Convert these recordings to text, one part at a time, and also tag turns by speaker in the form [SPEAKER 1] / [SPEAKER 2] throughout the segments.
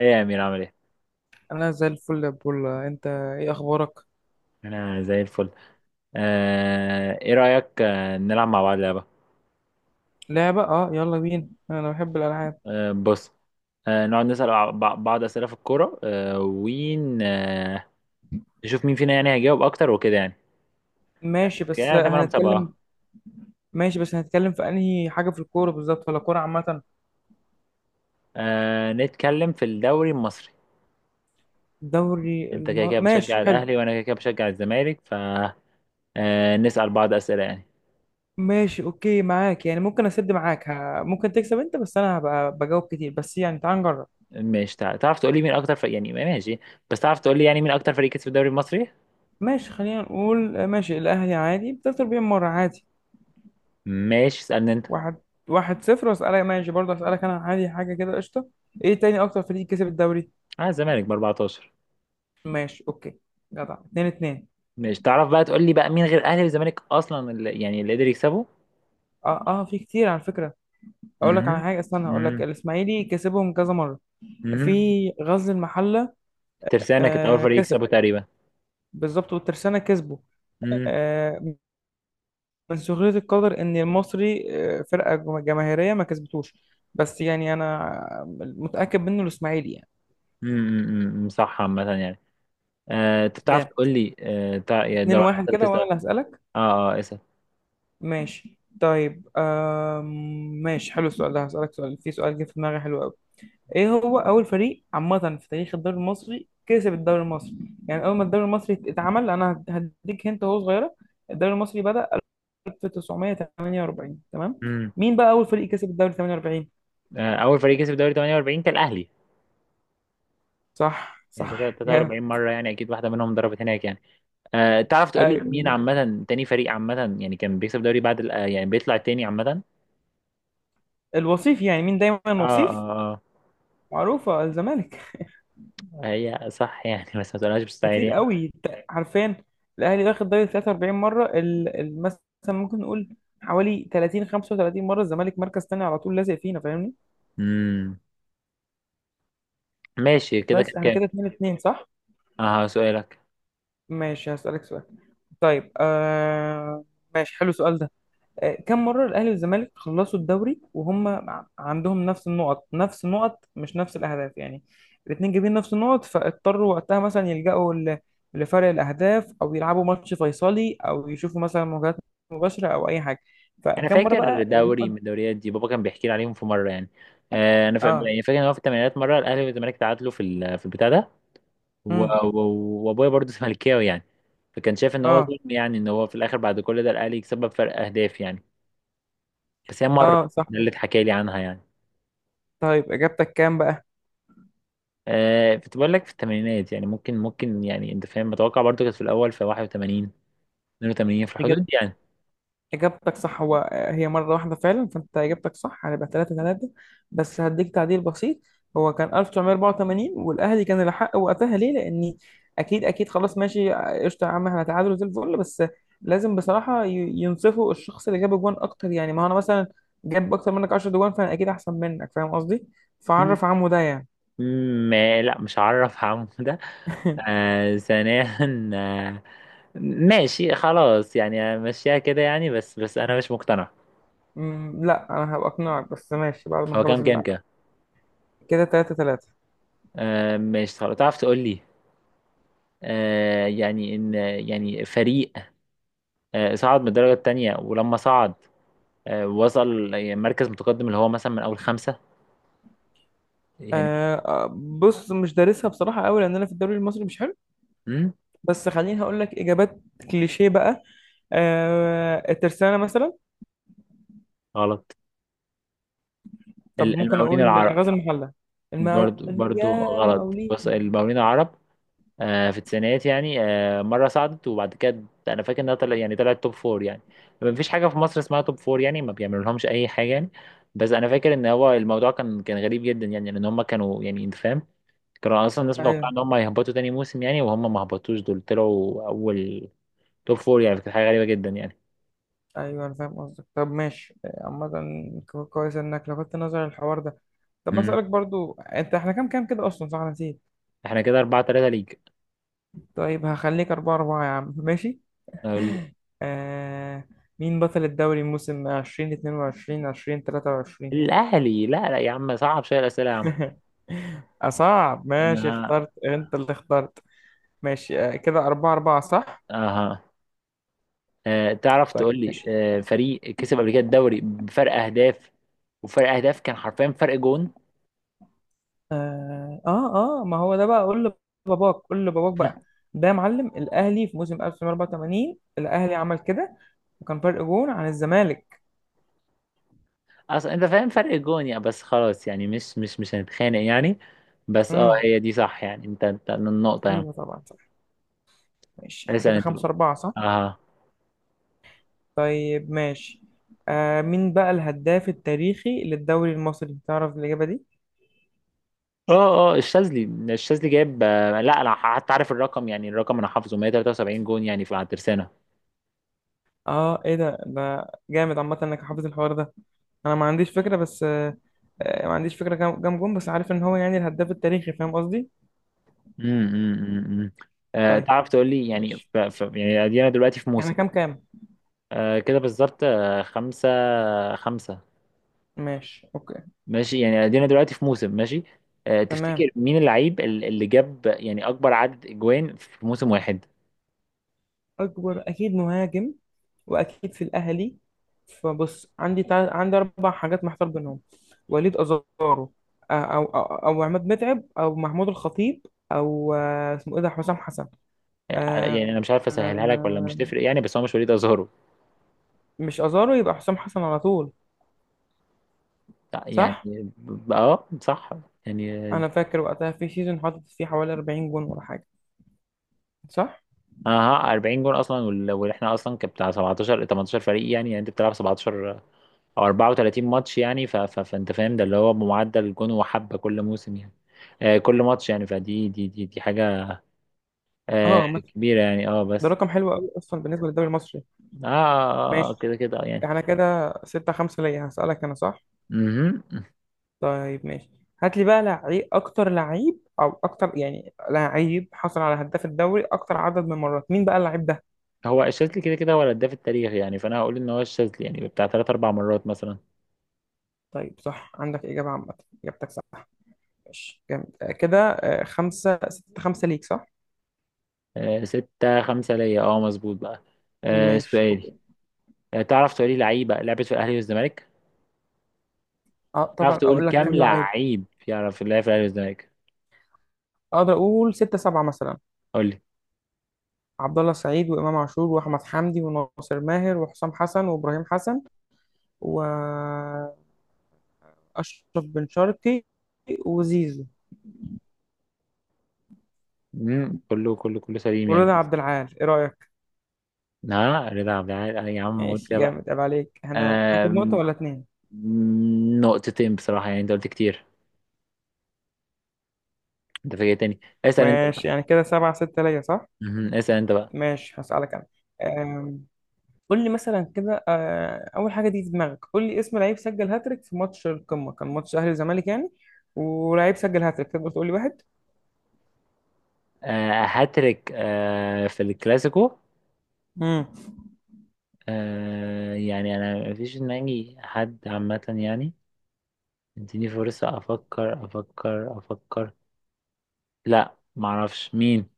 [SPEAKER 1] ايه يا امير، عامل ايه؟
[SPEAKER 2] انا زي الفل يا بولا، انت ايه اخبارك؟
[SPEAKER 1] انا زي الفل. ايه رايك، نلعب مع بعض لعبه؟
[SPEAKER 2] لعبة، يلا بينا، انا بحب الالعاب.
[SPEAKER 1] بص. نقعد نسال بعض اسئله في الكوره، آه ون آه نشوف مين فينا يعني هيجاوب اكتر وكده يعني.
[SPEAKER 2] ماشي بس
[SPEAKER 1] يعني تمام، مسابقه.
[SPEAKER 2] هنتكلم. ماشي بس هنتكلم في انهي حاجة في الكورة بالظبط ولا كورة عامة؟
[SPEAKER 1] نتكلم في الدوري المصري.
[SPEAKER 2] دوري
[SPEAKER 1] انت كده كده
[SPEAKER 2] ماشي
[SPEAKER 1] بتشجع
[SPEAKER 2] حلو.
[SPEAKER 1] الاهلي وانا كده كده بشجع الزمالك. نسال بعض اسئله يعني.
[SPEAKER 2] ماشي اوكي معاك، يعني ممكن اسد معاك ممكن تكسب انت، بس انا هبقى بجاوب كتير، بس يعني تعال نجرب.
[SPEAKER 1] مش تعرف تقول لي مين اكتر فريق يعني؟ ماشي، بس تعرف تقول لي يعني مين اكتر فريق كسب الدوري المصري؟
[SPEAKER 2] ماشي خلينا نقول، ماشي الاهلي، عادي بتخسر بيهم مرة عادي.
[SPEAKER 1] ماشي، اسالني انت.
[SPEAKER 2] واحد واحد صفر، واسألك ماشي، برضه اسألك انا عادي حاجة كده قشطة. ايه تاني اكتر فريق كسب الدوري؟
[SPEAKER 1] اه، الزمالك ب 14.
[SPEAKER 2] ماشي اوكي. جدع، اتنين اتنين.
[SPEAKER 1] مش تعرف بقى تقول لي بقى مين غير اهلي والزمالك اصلا اللي يعني اللي قدر يكسبه؟
[SPEAKER 2] اه اه، في كتير على فكره. اقول لك على
[SPEAKER 1] امم.
[SPEAKER 2] حاجه، استنى هقول لك
[SPEAKER 1] امم.
[SPEAKER 2] الاسماعيلي كسبهم كذا مره.
[SPEAKER 1] امم.
[SPEAKER 2] في غزل المحله.
[SPEAKER 1] ترسانة كانت اول
[SPEAKER 2] آه
[SPEAKER 1] فريق
[SPEAKER 2] كسب،
[SPEAKER 1] يكسبه تقريبا.
[SPEAKER 2] بالظبط، والترسانه كسبوا.
[SPEAKER 1] امم
[SPEAKER 2] آه، من سخريه القدر ان المصري، فرقه جماهيريه، ما كسبتوش. بس يعني انا متاكد منه الاسماعيلي يعني.
[SPEAKER 1] صح عامة يعني. انت بتعرف
[SPEAKER 2] جامد،
[SPEAKER 1] تقول لي، يعني ده ولا
[SPEAKER 2] 2-1
[SPEAKER 1] انت اللي
[SPEAKER 2] كده، وانا
[SPEAKER 1] تسأل؟
[SPEAKER 2] اللي هسالك.
[SPEAKER 1] اه، اه، اسأل.
[SPEAKER 2] ماشي طيب، ماشي حلو السؤال ده، هسالك سؤال، في سؤال جه في دماغي حلو قوي. ايه هو اول فريق عامه في تاريخ الدوري المصري كسب الدوري المصري؟ يعني اول ما الدوري المصري اتعمل، انا هديك هنت وهو صغيره، الدوري المصري بدأ 1948 تمام.
[SPEAKER 1] امم.
[SPEAKER 2] مين بقى اول فريق كسب الدوري 48؟
[SPEAKER 1] اول فريق كسب دوري 48 كان الاهلي.
[SPEAKER 2] صح
[SPEAKER 1] يعني
[SPEAKER 2] صح،
[SPEAKER 1] 43
[SPEAKER 2] جامد.
[SPEAKER 1] مرة، يعني اكيد واحدة منهم ضربت هناك يعني. تعرف تقول لي
[SPEAKER 2] ايوه
[SPEAKER 1] مين
[SPEAKER 2] بالظبط.
[SPEAKER 1] عامة تاني فريق عامة يعني كان بيكسب دوري بعد يعني بيطلع تاني عامة؟
[SPEAKER 2] الوصيف يعني، مين دايما
[SPEAKER 1] اه،
[SPEAKER 2] وصيف؟
[SPEAKER 1] اه.
[SPEAKER 2] معروفه، الزمالك.
[SPEAKER 1] اه، هي صح يعني بس ما تقولهاش
[SPEAKER 2] كتير
[SPEAKER 1] بالستايل.
[SPEAKER 2] قوي، عارفين الاهلي واخد دوري 43 مره، مثلا ممكن نقول حوالي 30 35 مره، الزمالك مركز تاني على طول، لازق فينا فاهمني.
[SPEAKER 1] امم. ماشي، كده كان
[SPEAKER 2] بس احنا
[SPEAKER 1] كام؟
[SPEAKER 2] كده 2 2 صح.
[SPEAKER 1] اه، سؤالك.
[SPEAKER 2] ماشي هسألك سؤال. طيب ماشي حلو السؤال ده. آه، كم مرة الأهلي والزمالك خلصوا الدوري وهم عندهم نفس النقط، نفس النقط مش نفس الأهداف يعني؟ الاتنين جايبين نفس النقط، فاضطروا وقتها مثلا يلجأوا لفرق الأهداف، أو يلعبوا ماتش فيصلي، أو يشوفوا مثلا مواجهات مباشرة، أو أي حاجة.
[SPEAKER 1] انا
[SPEAKER 2] فكم مرة
[SPEAKER 1] فاكر
[SPEAKER 2] بقى
[SPEAKER 1] دوري من
[SPEAKER 2] النقط؟
[SPEAKER 1] الدوريات دي، بابا كان بيحكي لي عليهم في مره يعني. انا
[SPEAKER 2] اه.
[SPEAKER 1] يعني فاكر ان هو في الثمانينات مره الاهلي والزمالك تعادلوا في في البتاع ده،
[SPEAKER 2] امم.
[SPEAKER 1] وابويا برضه زملكاوي يعني، فكان شايف ان هو
[SPEAKER 2] اه
[SPEAKER 1] ظلم يعني، ان هو في الاخر بعد كل ده الاهلي يكسب بفرق اهداف يعني. بس هي مره،
[SPEAKER 2] اه صح.
[SPEAKER 1] ده اللي اتحكى لي عنها يعني.
[SPEAKER 2] طيب إجابتك كام بقى؟
[SPEAKER 1] كنت بقول لك في الثمانينات، يعني ممكن يعني انت فاهم متوقع، برضه كانت في الاول، في 81 82 في الحدود دي يعني.
[SPEAKER 2] إجابتك صح، هو هي مرة واحدة فعلا، فأنت إجابتك صح، هنبقى تلاتة تلاتة. بس هديك تعديل بسيط، هو كان 1984، والأهلي كان الأحق وقتها ليه؟ لأن أكيد أكيد خلاص، ماشي قشطة يا عم، احنا تعادل زي الفل، بس لازم بصراحة ينصفوا الشخص اللي جاب أجوان أكتر. يعني ما هو أنا مثلا جاب أكتر منك 10 أجوان، فأنا أكيد أحسن منك، فاهم قصدي؟
[SPEAKER 1] مم.
[SPEAKER 2] فعرف عمه ده يعني.
[SPEAKER 1] ما، لا، مش هعرف عم ثانيا. آه ماشي خلاص يعني مشيها كده يعني، بس انا مش مقتنع.
[SPEAKER 2] أمم، لا أنا هبقى أقنعك، بس ماشي بعد ما
[SPEAKER 1] هو
[SPEAKER 2] نخلص
[SPEAKER 1] كام كام
[SPEAKER 2] اللعب.
[SPEAKER 1] كام
[SPEAKER 2] كده تلاتة تلاتة.
[SPEAKER 1] ماشي خلاص، تعرف تقول لي يعني ان، يعني فريق، صعد من الدرجة التانية، ولما صعد وصل يعني مركز متقدم اللي هو مثلا من اول خمسة، يعني.
[SPEAKER 2] آه آه، بص مش دارسها بصراحة قوي، لأن أنا في الدوري المصري مش،
[SPEAKER 1] مم؟
[SPEAKER 2] بس خليني هقول لك اجابات كليشيه بقى. آه الترسانه مثلا.
[SPEAKER 1] غلط.
[SPEAKER 2] طب ممكن
[SPEAKER 1] المقاولين
[SPEAKER 2] اقول
[SPEAKER 1] العرب.
[SPEAKER 2] غزل المحله. المقاو،
[SPEAKER 1] برضو
[SPEAKER 2] يا
[SPEAKER 1] غلط، بص،
[SPEAKER 2] المقاولين.
[SPEAKER 1] المقاولين العرب. في التسعينات يعني، مرة صعدت وبعد كده أنا فاكر إنها يعني طلعت توب فور يعني. ما فيش حاجة في مصر اسمها توب فور يعني، ما بيعملوا لهمش أي حاجة يعني. بس أنا فاكر إن هو الموضوع كان غريب جدا يعني، لأن هم كانوا يعني أنت فاهم، كانوا أصلا الناس متوقعة
[SPEAKER 2] ايوه،
[SPEAKER 1] إن هم هيهبطوا تاني موسم يعني، وهم ما هبطوش، دول طلعوا أول توب فور يعني، كانت حاجة غريبة جدا يعني.
[SPEAKER 2] ايوه انا فاهم قصدك. طب ماشي، عامه كويس انك لفتت نظر الحوار ده. طب
[SPEAKER 1] مم.
[SPEAKER 2] اسالك برضو انت، احنا كام كام كده اصلا؟ صح أنا نسيت.
[SPEAKER 1] إحنا كده أربعة تلاتة، ليج.
[SPEAKER 2] طيب هخليك اربعة اربعة يا عم، ماشي.
[SPEAKER 1] أقول-
[SPEAKER 2] آه، مين بطل الدوري موسم 20 22 20 23؟
[SPEAKER 1] الأهلي، لا لا يا عم، صعب شوية الأسئلة يا عم.
[SPEAKER 2] أصعب؟ ماشي،
[SPEAKER 1] أنا-
[SPEAKER 2] اخترت، أنت اللي اخترت. ماشي، كده أربعة أربعة صح؟
[SPEAKER 1] أها. تعرف
[SPEAKER 2] طيب
[SPEAKER 1] تقول لي،
[SPEAKER 2] ماشي.
[SPEAKER 1] فريق كسب قبل كده الدوري بفرق اهداف، وفرق اهداف كان حرفيا فرق جون.
[SPEAKER 2] آه آه، ما هو ده بقى، قول لباباك، قول لباباك بقى. ده يا معلم الأهلي في موسم 1984 الأهلي عمل كده، وكان فرق جون عن الزمالك.
[SPEAKER 1] اصلا انت فاهم فرق جون يعني، بس خلاص يعني مش هنتخانق يعني. بس اه،
[SPEAKER 2] امم.
[SPEAKER 1] هي دي صح يعني، انت النقطة يعني.
[SPEAKER 2] أيوه طبعا صح. ماشي احنا
[SPEAKER 1] اسأل
[SPEAKER 2] كده
[SPEAKER 1] انت بقى.
[SPEAKER 2] خمسة أربعة صح؟
[SPEAKER 1] اه،
[SPEAKER 2] طيب ماشي. آه، مين بقى الهداف التاريخي للدوري المصري؟ تعرف الإجابة دي؟
[SPEAKER 1] اه، اه، الشاذلي. الشاذلي جايب، لا، انا حتى عارف الرقم يعني، الرقم انا حافظه 173 جون يعني في على الترسانة.
[SPEAKER 2] اه، ايه ده ده، جامد عامة انك حافظ الحوار ده. انا ما عنديش فكرة، بس ما عنديش فكرة كام كام جون، بس عارف ان هو يعني الهداف التاريخي، فاهم قصدي.
[SPEAKER 1] امم. امم. امم.
[SPEAKER 2] طيب
[SPEAKER 1] تعرف تقول لي يعني
[SPEAKER 2] ماشي،
[SPEAKER 1] يعني ادينا دلوقتي في
[SPEAKER 2] احنا
[SPEAKER 1] موسم.
[SPEAKER 2] كام كام؟
[SPEAKER 1] كده بالظبط، خمسة، خمسة.
[SPEAKER 2] ماشي اوكي.
[SPEAKER 1] ماشي يعني، ادينا دلوقتي في موسم، ماشي.
[SPEAKER 2] تمام،
[SPEAKER 1] تفتكر مين اللعيب اللي جاب يعني اكبر عدد اجوان في موسم واحد؟
[SPEAKER 2] اكبر اكيد مهاجم، واكيد في الاهلي. فبص عندي عندي اربع حاجات محتار بينهم: وليد ازارو، او او او عماد متعب، او محمود الخطيب، او اسمه ايه ده، حسام حسن. آه،
[SPEAKER 1] يعني انا مش عارف اسهلها لك ولا
[SPEAKER 2] آه،
[SPEAKER 1] مش تفرق يعني، بس هو مش وليد ازهرو.
[SPEAKER 2] مش ازارو، يبقى حسام حسن على طول.
[SPEAKER 1] لا، يعني
[SPEAKER 2] صح،
[SPEAKER 1] اه صح، يعني.
[SPEAKER 2] انا فاكر وقتها في سيزون حاطط فيه حوالي 40 جون ولا حاجه. صح.
[SPEAKER 1] اه، 40 جون اصلا واحنا اصلا كان بتاع 17 18 فريق يعني، يعني انت بتلعب 17 او 34 ماتش يعني، ف ف فانت فاهم ده اللي هو بمعدل جون وحبه كل موسم يعني. كل ماتش يعني، فدي دي دي دي حاجه آه
[SPEAKER 2] اه عامة،
[SPEAKER 1] كبيره يعني اه،
[SPEAKER 2] ده
[SPEAKER 1] بس
[SPEAKER 2] رقم حلو قوي اصلا بالنسبه للدوري المصري.
[SPEAKER 1] اه، كده
[SPEAKER 2] ماشي
[SPEAKER 1] كده يعني.
[SPEAKER 2] احنا كده 6 5 ليا، هسألك انا صح.
[SPEAKER 1] مهم.
[SPEAKER 2] طيب ماشي. هات لي بقى لعيب اكتر لعيب، او اكتر يعني لعيب حصل على هداف الدوري اكتر عدد من مرات. مين بقى اللعيب ده؟
[SPEAKER 1] هو الشاذلي كده كده هو الهداف التاريخي يعني، فانا هقول ان هو الشاذلي يعني بتاع ثلاث اربع مرات مثلا.
[SPEAKER 2] طيب صح عندك اجابه عامه، اجابتك صح. ماشي جامد، كده خمسة ستة خمسة ليك صح.
[SPEAKER 1] ستة خمسة ليا، اه مظبوط بقى.
[SPEAKER 2] ماشي
[SPEAKER 1] سؤالي.
[SPEAKER 2] اوكي.
[SPEAKER 1] تعرف تقولي لعيبة لعبت في الاهلي والزمالك؟
[SPEAKER 2] اه
[SPEAKER 1] تعرف
[SPEAKER 2] طبعا،
[SPEAKER 1] تقول
[SPEAKER 2] اقول لك
[SPEAKER 1] كام
[SPEAKER 2] كام لعيب؟
[SPEAKER 1] لعيب يعرف يلعب في الاهلي والزمالك؟
[SPEAKER 2] اقدر اقول ستة سبعة مثلا.
[SPEAKER 1] قول لي.
[SPEAKER 2] عبد الله سعيد، وامام عاشور، واحمد حمدي، وناصر ماهر، وحسام حسن، وابراهيم حسن، واشرف بن شرقي، وزيزو،
[SPEAKER 1] مم، كله كله كله سليم يعني.
[SPEAKER 2] ورضا عبد العال، ايه رايك؟
[SPEAKER 1] ها، رضا عبد العال، يا عم قول
[SPEAKER 2] ماشي
[SPEAKER 1] كده بقى.
[SPEAKER 2] جامد، عيب عليك، انا هاخد نقطه
[SPEAKER 1] آم،
[SPEAKER 2] ولا اتنين؟
[SPEAKER 1] مم، نقطتين بصراحة يعني، انت قلت كتير، انت فاجئتني، اسأل انت بقى.
[SPEAKER 2] ماشي يعني كده سبعة ستة ليا صح.
[SPEAKER 1] مهم. اسأل انت بقى.
[SPEAKER 2] ماشي هسألك انا. أم، قول لي مثلا كده، اول حاجه دي في دماغك، قول لي اسم لعيب سجل هاتريك في ماتش القمه، كان ماتش اهلي وزمالك يعني، ولعيب سجل هاتريك، تقدر تقول لي واحد؟
[SPEAKER 1] هاتريك في الكلاسيكو.
[SPEAKER 2] امم.
[SPEAKER 1] يعني انا مفيش في دماغي حد عامة يعني، اديني فرصة افكر افكر افكر. لا، معرفش مين.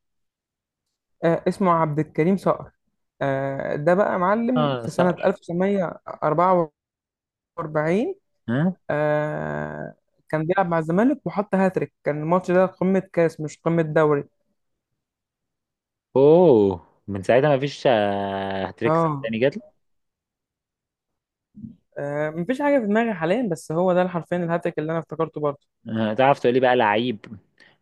[SPEAKER 2] آه، اسمه عبد الكريم صقر. آه، ده بقى معلم
[SPEAKER 1] اه،
[SPEAKER 2] في سنة
[SPEAKER 1] صقر.
[SPEAKER 2] 1944.
[SPEAKER 1] ها.
[SPEAKER 2] آه، كان بيلعب مع الزمالك وحط هاتريك، كان الماتش ده قمة كاس مش قمة دوري.
[SPEAKER 1] اوه، من ساعتها مفيش تريكس
[SPEAKER 2] اه،
[SPEAKER 1] تاني جات.
[SPEAKER 2] آه، مفيش حاجة في دماغي حاليا، بس هو ده حرفيا الهاتريك اللي أنا افتكرته برضه.
[SPEAKER 1] تعرف تقولي بقى لعيب،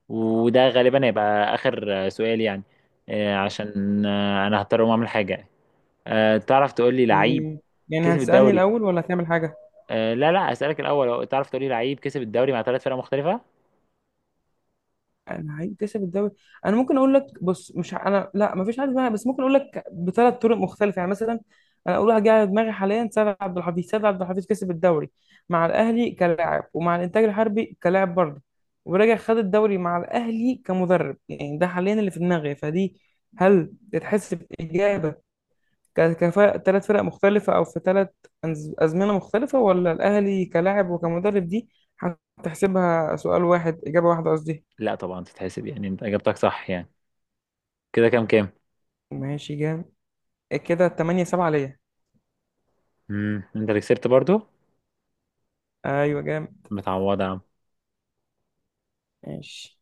[SPEAKER 1] وده غالبا هيبقى اخر سؤال يعني، عشان انا هضطر اقوم اعمل حاجة. تعرف تقولي لعيب
[SPEAKER 2] مم، يعني
[SPEAKER 1] كسب
[SPEAKER 2] هتسألني
[SPEAKER 1] الدوري.
[SPEAKER 2] الأول ولا هتعمل حاجة؟
[SPEAKER 1] لا لا، اسألك الاول، تعرف تقولي لعيب كسب الدوري مع ثلاث فرق مختلفة؟
[SPEAKER 2] انا هيكتسب الدوري، انا ممكن اقول لك، بص مش انا لا ما فيش حد معايا، بس ممكن اقول لك بثلاث طرق مختلفه يعني. مثلا انا اقول حاجه على دماغي حاليا، سيد عبد الحفيظ، سيد عبد الحفيظ كسب الدوري مع الاهلي كلاعب، ومع الانتاج الحربي كلاعب برضه، ورجع خد الدوري مع الاهلي كمدرب، يعني ده حاليا اللي في دماغي. فدي هل تتحسب اجابه كفاءة ثلاث فرق مختلفة، أو في ثلاث أزمنة مختلفة، ولا الأهلي كلاعب وكمدرب دي هتحسبها سؤال واحد إجابة واحدة قصدي؟
[SPEAKER 1] لا طبعا تتحسب يعني، انت اجابتك صح يعني. كده كام كام؟
[SPEAKER 2] ماشي جامد، كده 8 7 ليا.
[SPEAKER 1] امم، انت اللي كسبت برضو.
[SPEAKER 2] ايوه جامد.
[SPEAKER 1] متعوضة يا عم.
[SPEAKER 2] ماشي.